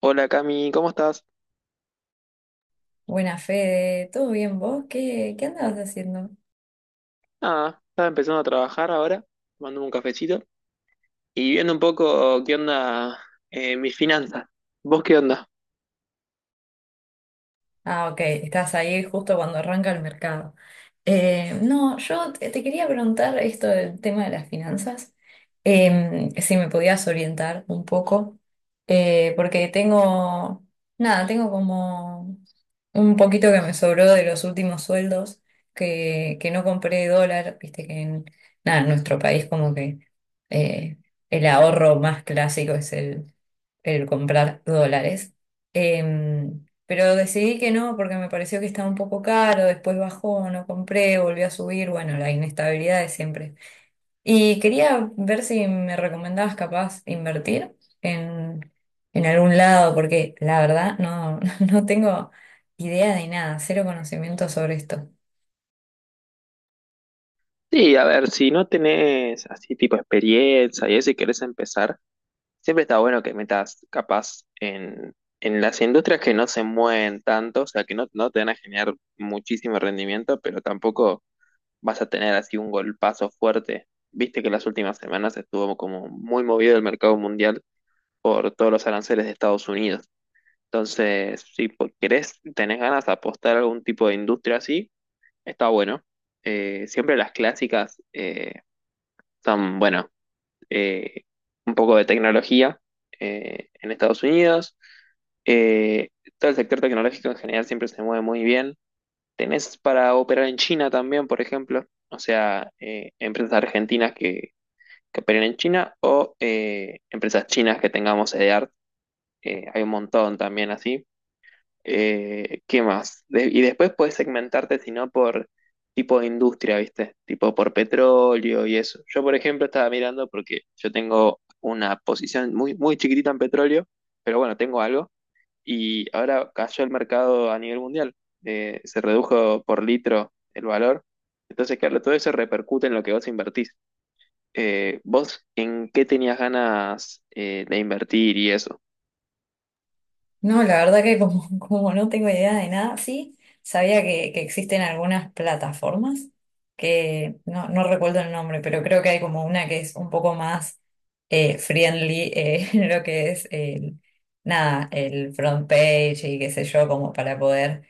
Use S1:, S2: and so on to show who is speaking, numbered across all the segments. S1: Hola Cami, ¿cómo estás?
S2: Buena Fede, ¿todo bien vos? ¿¿Qué andabas haciendo?
S1: Nada, estaba empezando a trabajar ahora, tomando un cafecito y viendo un poco qué onda, mis finanzas. ¿Vos qué onda?
S2: Ah, ok, estás ahí justo cuando arranca el mercado. No, yo te quería preguntar esto del tema de las finanzas, si me podías orientar un poco, porque tengo, nada, tengo como un poquito que me sobró de los últimos sueldos, que no compré dólar, viste que en, nada, en nuestro país como que eh, el ahorro más clásico es el comprar dólares. Pero decidí que no porque me pareció que estaba un poco caro, después bajó, no compré, volvió a subir, bueno, la inestabilidad de siempre. Y quería ver si me recomendabas capaz invertir en, en algún lado, porque la verdad no, no tengo idea de nada, cero conocimiento sobre esto.
S1: Sí, a ver, si no tenés así tipo experiencia y eso y querés empezar, siempre está bueno que metas capaz en las industrias que no se mueven tanto, o sea, que no te van a generar muchísimo rendimiento, pero tampoco vas a tener así un golpazo fuerte. Viste que las últimas semanas estuvo como muy movido el mercado mundial por todos los aranceles de Estados Unidos. Entonces, si querés, tenés ganas de apostar a algún tipo de industria así, está bueno. Siempre las clásicas, son, bueno, eh, un poco de tecnología, en Estados Unidos. Eh, Todo el sector tecnológico en general siempre se mueve muy bien. Tenés para operar en China también, por ejemplo, o sea, empresas argentinas que operen en China o, empresas chinas que tengamos sede, hay un montón también así. ¿Qué más? Y después puedes segmentarte, si no, por tipo de industria, ¿viste? Tipo por petróleo y eso. Yo, por ejemplo, estaba mirando porque yo tengo una posición muy, muy chiquitita en petróleo, pero bueno, tengo algo. Y ahora cayó el mercado a nivel mundial. Se redujo por litro el valor. Entonces, claro, todo eso repercute en lo que vos invertís. ¿Vos en qué tenías ganas, de invertir y eso?
S2: No, la verdad que como, como no tengo idea de nada, sí, sabía que existen algunas plataformas que no, no recuerdo el nombre, pero creo que hay como una que es un poco más friendly, en lo que es el, nada, el front page y qué sé yo, como para poder,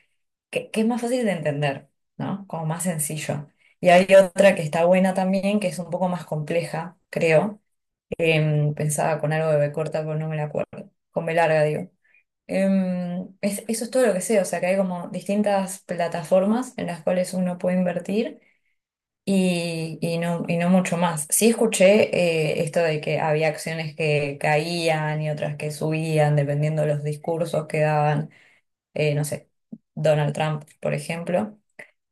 S2: que es más fácil de entender, ¿no? Como más sencillo. Y hay otra que está buena también, que es un poco más compleja, creo. Pensaba con algo de B corta, pero no me la acuerdo. Con B larga, digo. Eso es todo lo que sé, o sea que hay como distintas plataformas en las cuales uno puede invertir y no mucho más. Sí escuché esto de que había acciones que caían y otras que subían dependiendo de los discursos que daban, no sé, Donald Trump, por ejemplo.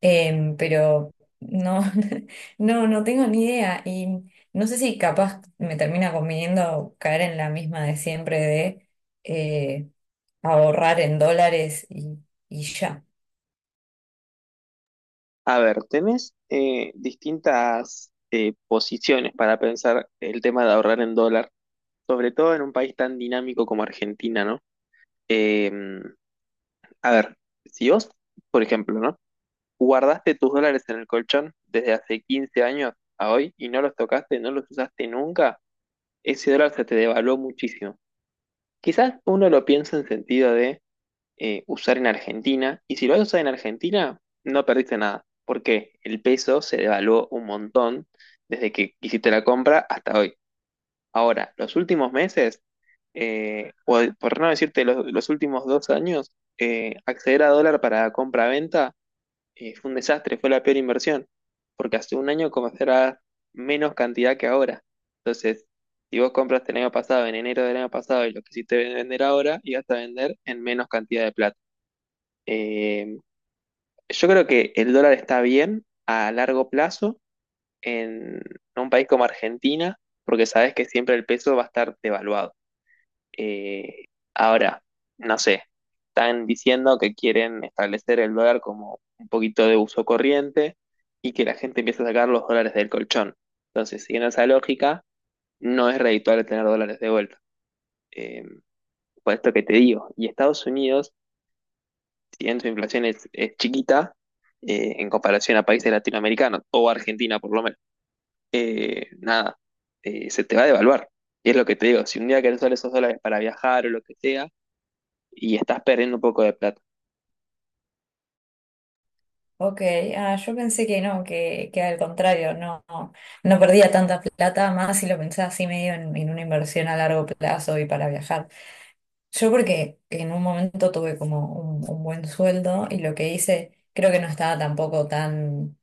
S2: Pero no, no, no tengo ni idea y no sé si capaz me termina conviniendo caer en la misma de siempre de... eh, ahorrar en dólares y ya.
S1: A ver, tenés, distintas, posiciones para pensar el tema de ahorrar en dólar, sobre todo en un país tan dinámico como Argentina, ¿no? Eh, a ver, si vos, por ejemplo, ¿no? Guardaste tus dólares en el colchón desde hace 15 años a hoy y no los tocaste, no los usaste nunca, ese dólar se te devaluó muchísimo. Quizás uno lo piensa en sentido de, usar en Argentina. Y si lo vas a usar en Argentina, no perdiste nada, porque el peso se devaluó un montón desde que hiciste la compra hasta hoy. Ahora, los últimos meses, o por no decirte los últimos 2 años, acceder a dólar para compra-venta, fue un desastre, fue la peor inversión, porque hace un año comenzará menos cantidad que ahora. Entonces, si vos compraste el año pasado, en enero del año pasado, y lo quisiste vender ahora, ibas a vender en menos cantidad de plata. Eh, yo creo que el dólar está bien a largo plazo en un país como Argentina, porque sabes que siempre el peso va a estar devaluado. Eh, Ahora, no sé, están diciendo que quieren establecer el dólar como un poquito de uso corriente y que la gente empiece a sacar los dólares del colchón. Entonces, siguiendo esa lógica, no es redituable tener dólares de vuelta. Eh, por esto que te digo, y Estados Unidos, si bien su inflación es chiquita, en comparación a países latinoamericanos o Argentina por lo menos, nada, se te va a devaluar. Y es lo que te digo, si un día querés usar esos dólares para viajar o lo que sea, y estás perdiendo un poco de plata.
S2: Ok, ah, yo pensé que no, que al contrario, no, no, no perdía tanta plata, más si lo pensaba así medio en una inversión a largo plazo y para viajar. Yo porque en un momento tuve como un buen sueldo y lo que hice creo que no estaba tampoco tan,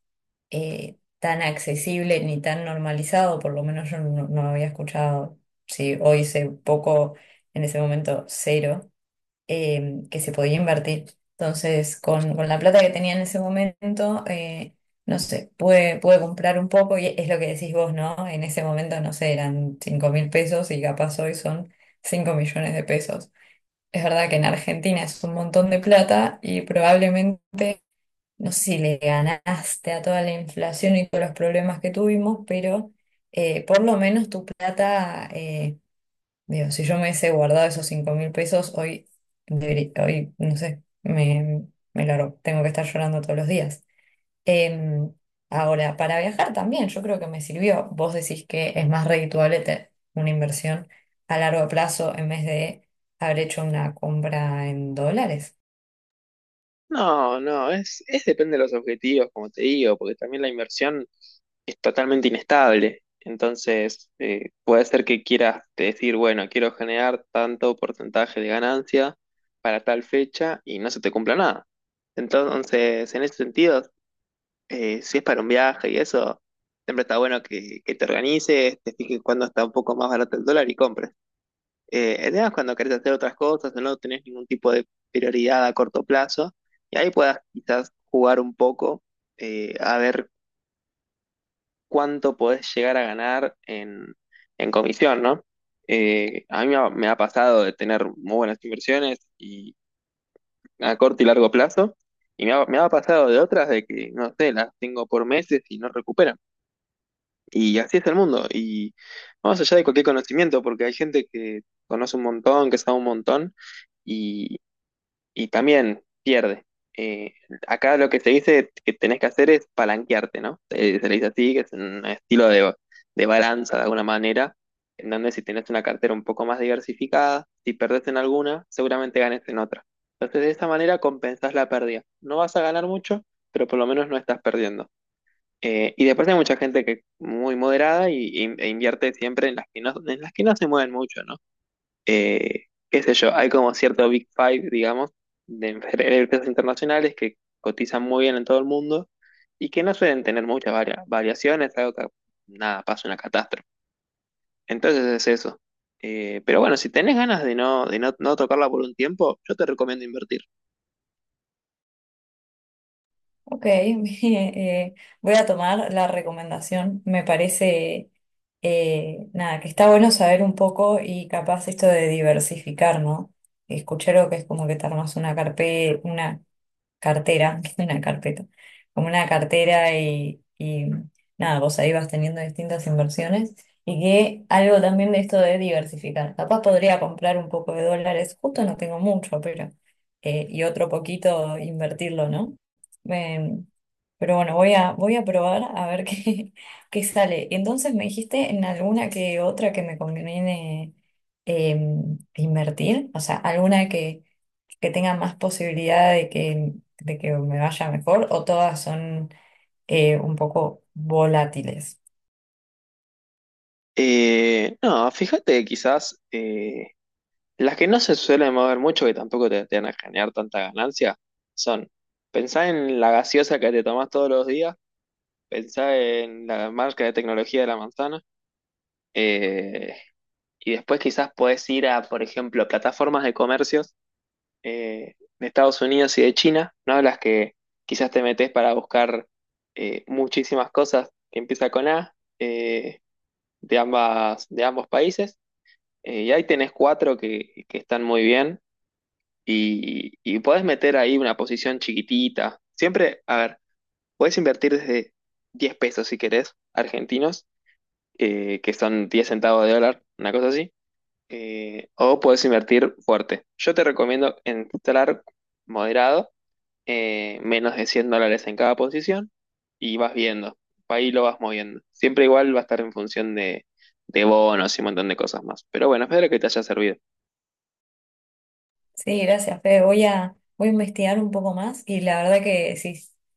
S2: tan accesible ni tan normalizado, por lo menos yo no, no había escuchado, si hoy sé poco, en ese momento cero. Que se podía invertir. Entonces, con la plata que tenía en ese momento, no sé, pude comprar un poco y es lo que decís vos, ¿no? En ese momento, no sé, eran 5.000 pesos y capaz hoy son 5.000.000 de pesos. Es verdad que en Argentina es un montón de plata y probablemente, no sé si le ganaste a toda la inflación y todos los problemas que tuvimos, pero por lo menos tu plata... Digo, si yo me hubiese guardado esos 5.000 pesos, hoy, hoy, no sé, me largo. Tengo que estar llorando todos los días. Em, Ahora, para viajar también, yo creo que me sirvió. Vos decís que es más redituable una inversión a largo plazo en vez de haber hecho una compra en dólares.
S1: No, no, es depende de los objetivos, como te digo, porque también la inversión es totalmente inestable. Entonces, puede ser que quieras decir, bueno, quiero generar tanto porcentaje de ganancia para tal fecha y no se te cumpla nada. Entonces, en ese sentido, si es para un viaje y eso, siempre está bueno que te organices, te fijes cuándo está un poco más barato el dólar y compres. El tema es cuando querés hacer otras cosas o no tenés ningún tipo de prioridad a corto plazo y ahí puedas quizás jugar un poco, a ver cuánto podés llegar a ganar en comisión, ¿no? A mí me ha pasado de tener muy buenas inversiones y a corto y largo plazo, y me ha pasado de otras de que, no sé, las tengo por meses y no recuperan. Y así es el mundo. Y más allá de cualquier conocimiento, porque hay gente que conoce un montón, que sabe un montón, y también pierde. Eh, Acá lo que se dice que tenés que hacer es palanquearte, ¿no? Se le dice así, que es un estilo de balanza de alguna manera, en donde si tenés una cartera un poco más diversificada, si perdés en alguna, seguramente ganes en otra. Entonces, de esta manera compensás la pérdida. No vas a ganar mucho, pero por lo menos no estás perdiendo. Y después hay mucha gente que es muy moderada e invierte siempre en las que no se mueven mucho, ¿no? Qué sé yo, hay como cierto Big Five, digamos, de de empresas internacionales que cotizan muy bien en todo el mundo y que no suelen tener muchas variaciones, algo que nada, pasa una catástrofe. Entonces es eso. Pero bueno, si tenés ganas de no, no tocarla por un tiempo, yo te recomiendo invertir.
S2: Ok, eh, voy a tomar la recomendación. Me parece, nada, que está bueno saber un poco y capaz esto de diversificar, ¿no? Escuché lo que es como que te armas una carpeta, cartera, que es una carpeta, como una cartera y nada, vos ahí vas teniendo distintas inversiones y que algo también de esto de diversificar. Capaz podría comprar un poco de dólares, justo no tengo mucho, pero y otro poquito invertirlo, ¿no? Em, pero bueno, voy a, voy a probar a ver qué, qué sale. Entonces me dijiste en alguna que otra que me conviene invertir, o sea, alguna que tengan más posibilidad de que me vaya mejor o todas son un poco volátiles.
S1: No, fíjate, quizás, las que no se suelen mover mucho, que tampoco te van a generar tanta ganancia, son pensar en la gaseosa que te tomás todos los días. Pensá en la marca de tecnología de la manzana. eh, y después quizás podés ir a, por ejemplo, plataformas de comercios, de Estados Unidos y de China, ¿no? Las que quizás te metes para buscar, muchísimas cosas que empieza con A, de ambos países. Y ahí tenés cuatro que están muy bien, y podés meter ahí una posición chiquitita. Siempre, a ver, podés invertir desde 10 pesos si querés, argentinos, que son 10 centavos de dólar, una cosa así, o puedes invertir fuerte. Yo te recomiendo entrar moderado, menos de 100 dólares en cada posición, y vas viendo, ahí lo vas moviendo. Siempre igual va a estar en función de bonos y un montón de cosas más. Pero bueno, espero que te haya servido.
S2: Sí, gracias, Fede. Voy a, voy a investigar un poco más y la verdad que sí,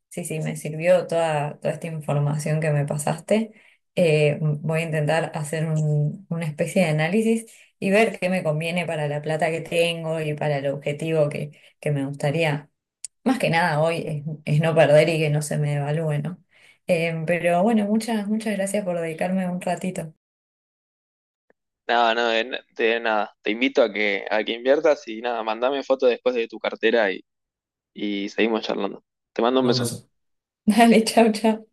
S2: sí, sí, me sirvió toda, toda esta información que me pasaste. Voy a intentar hacer una especie de análisis y ver qué me conviene para la plata que tengo y para el objetivo que me gustaría. Más que nada hoy es no perder y que no se me devalúe, ¿no? Pero bueno, muchas, muchas gracias por dedicarme un ratito.
S1: Nada, no, de nada. Te invito a a que inviertas y nada, mandame foto después de tu cartera y seguimos charlando. Te mando un
S2: Mando un
S1: beso.
S2: beso. Dale, chau, chau.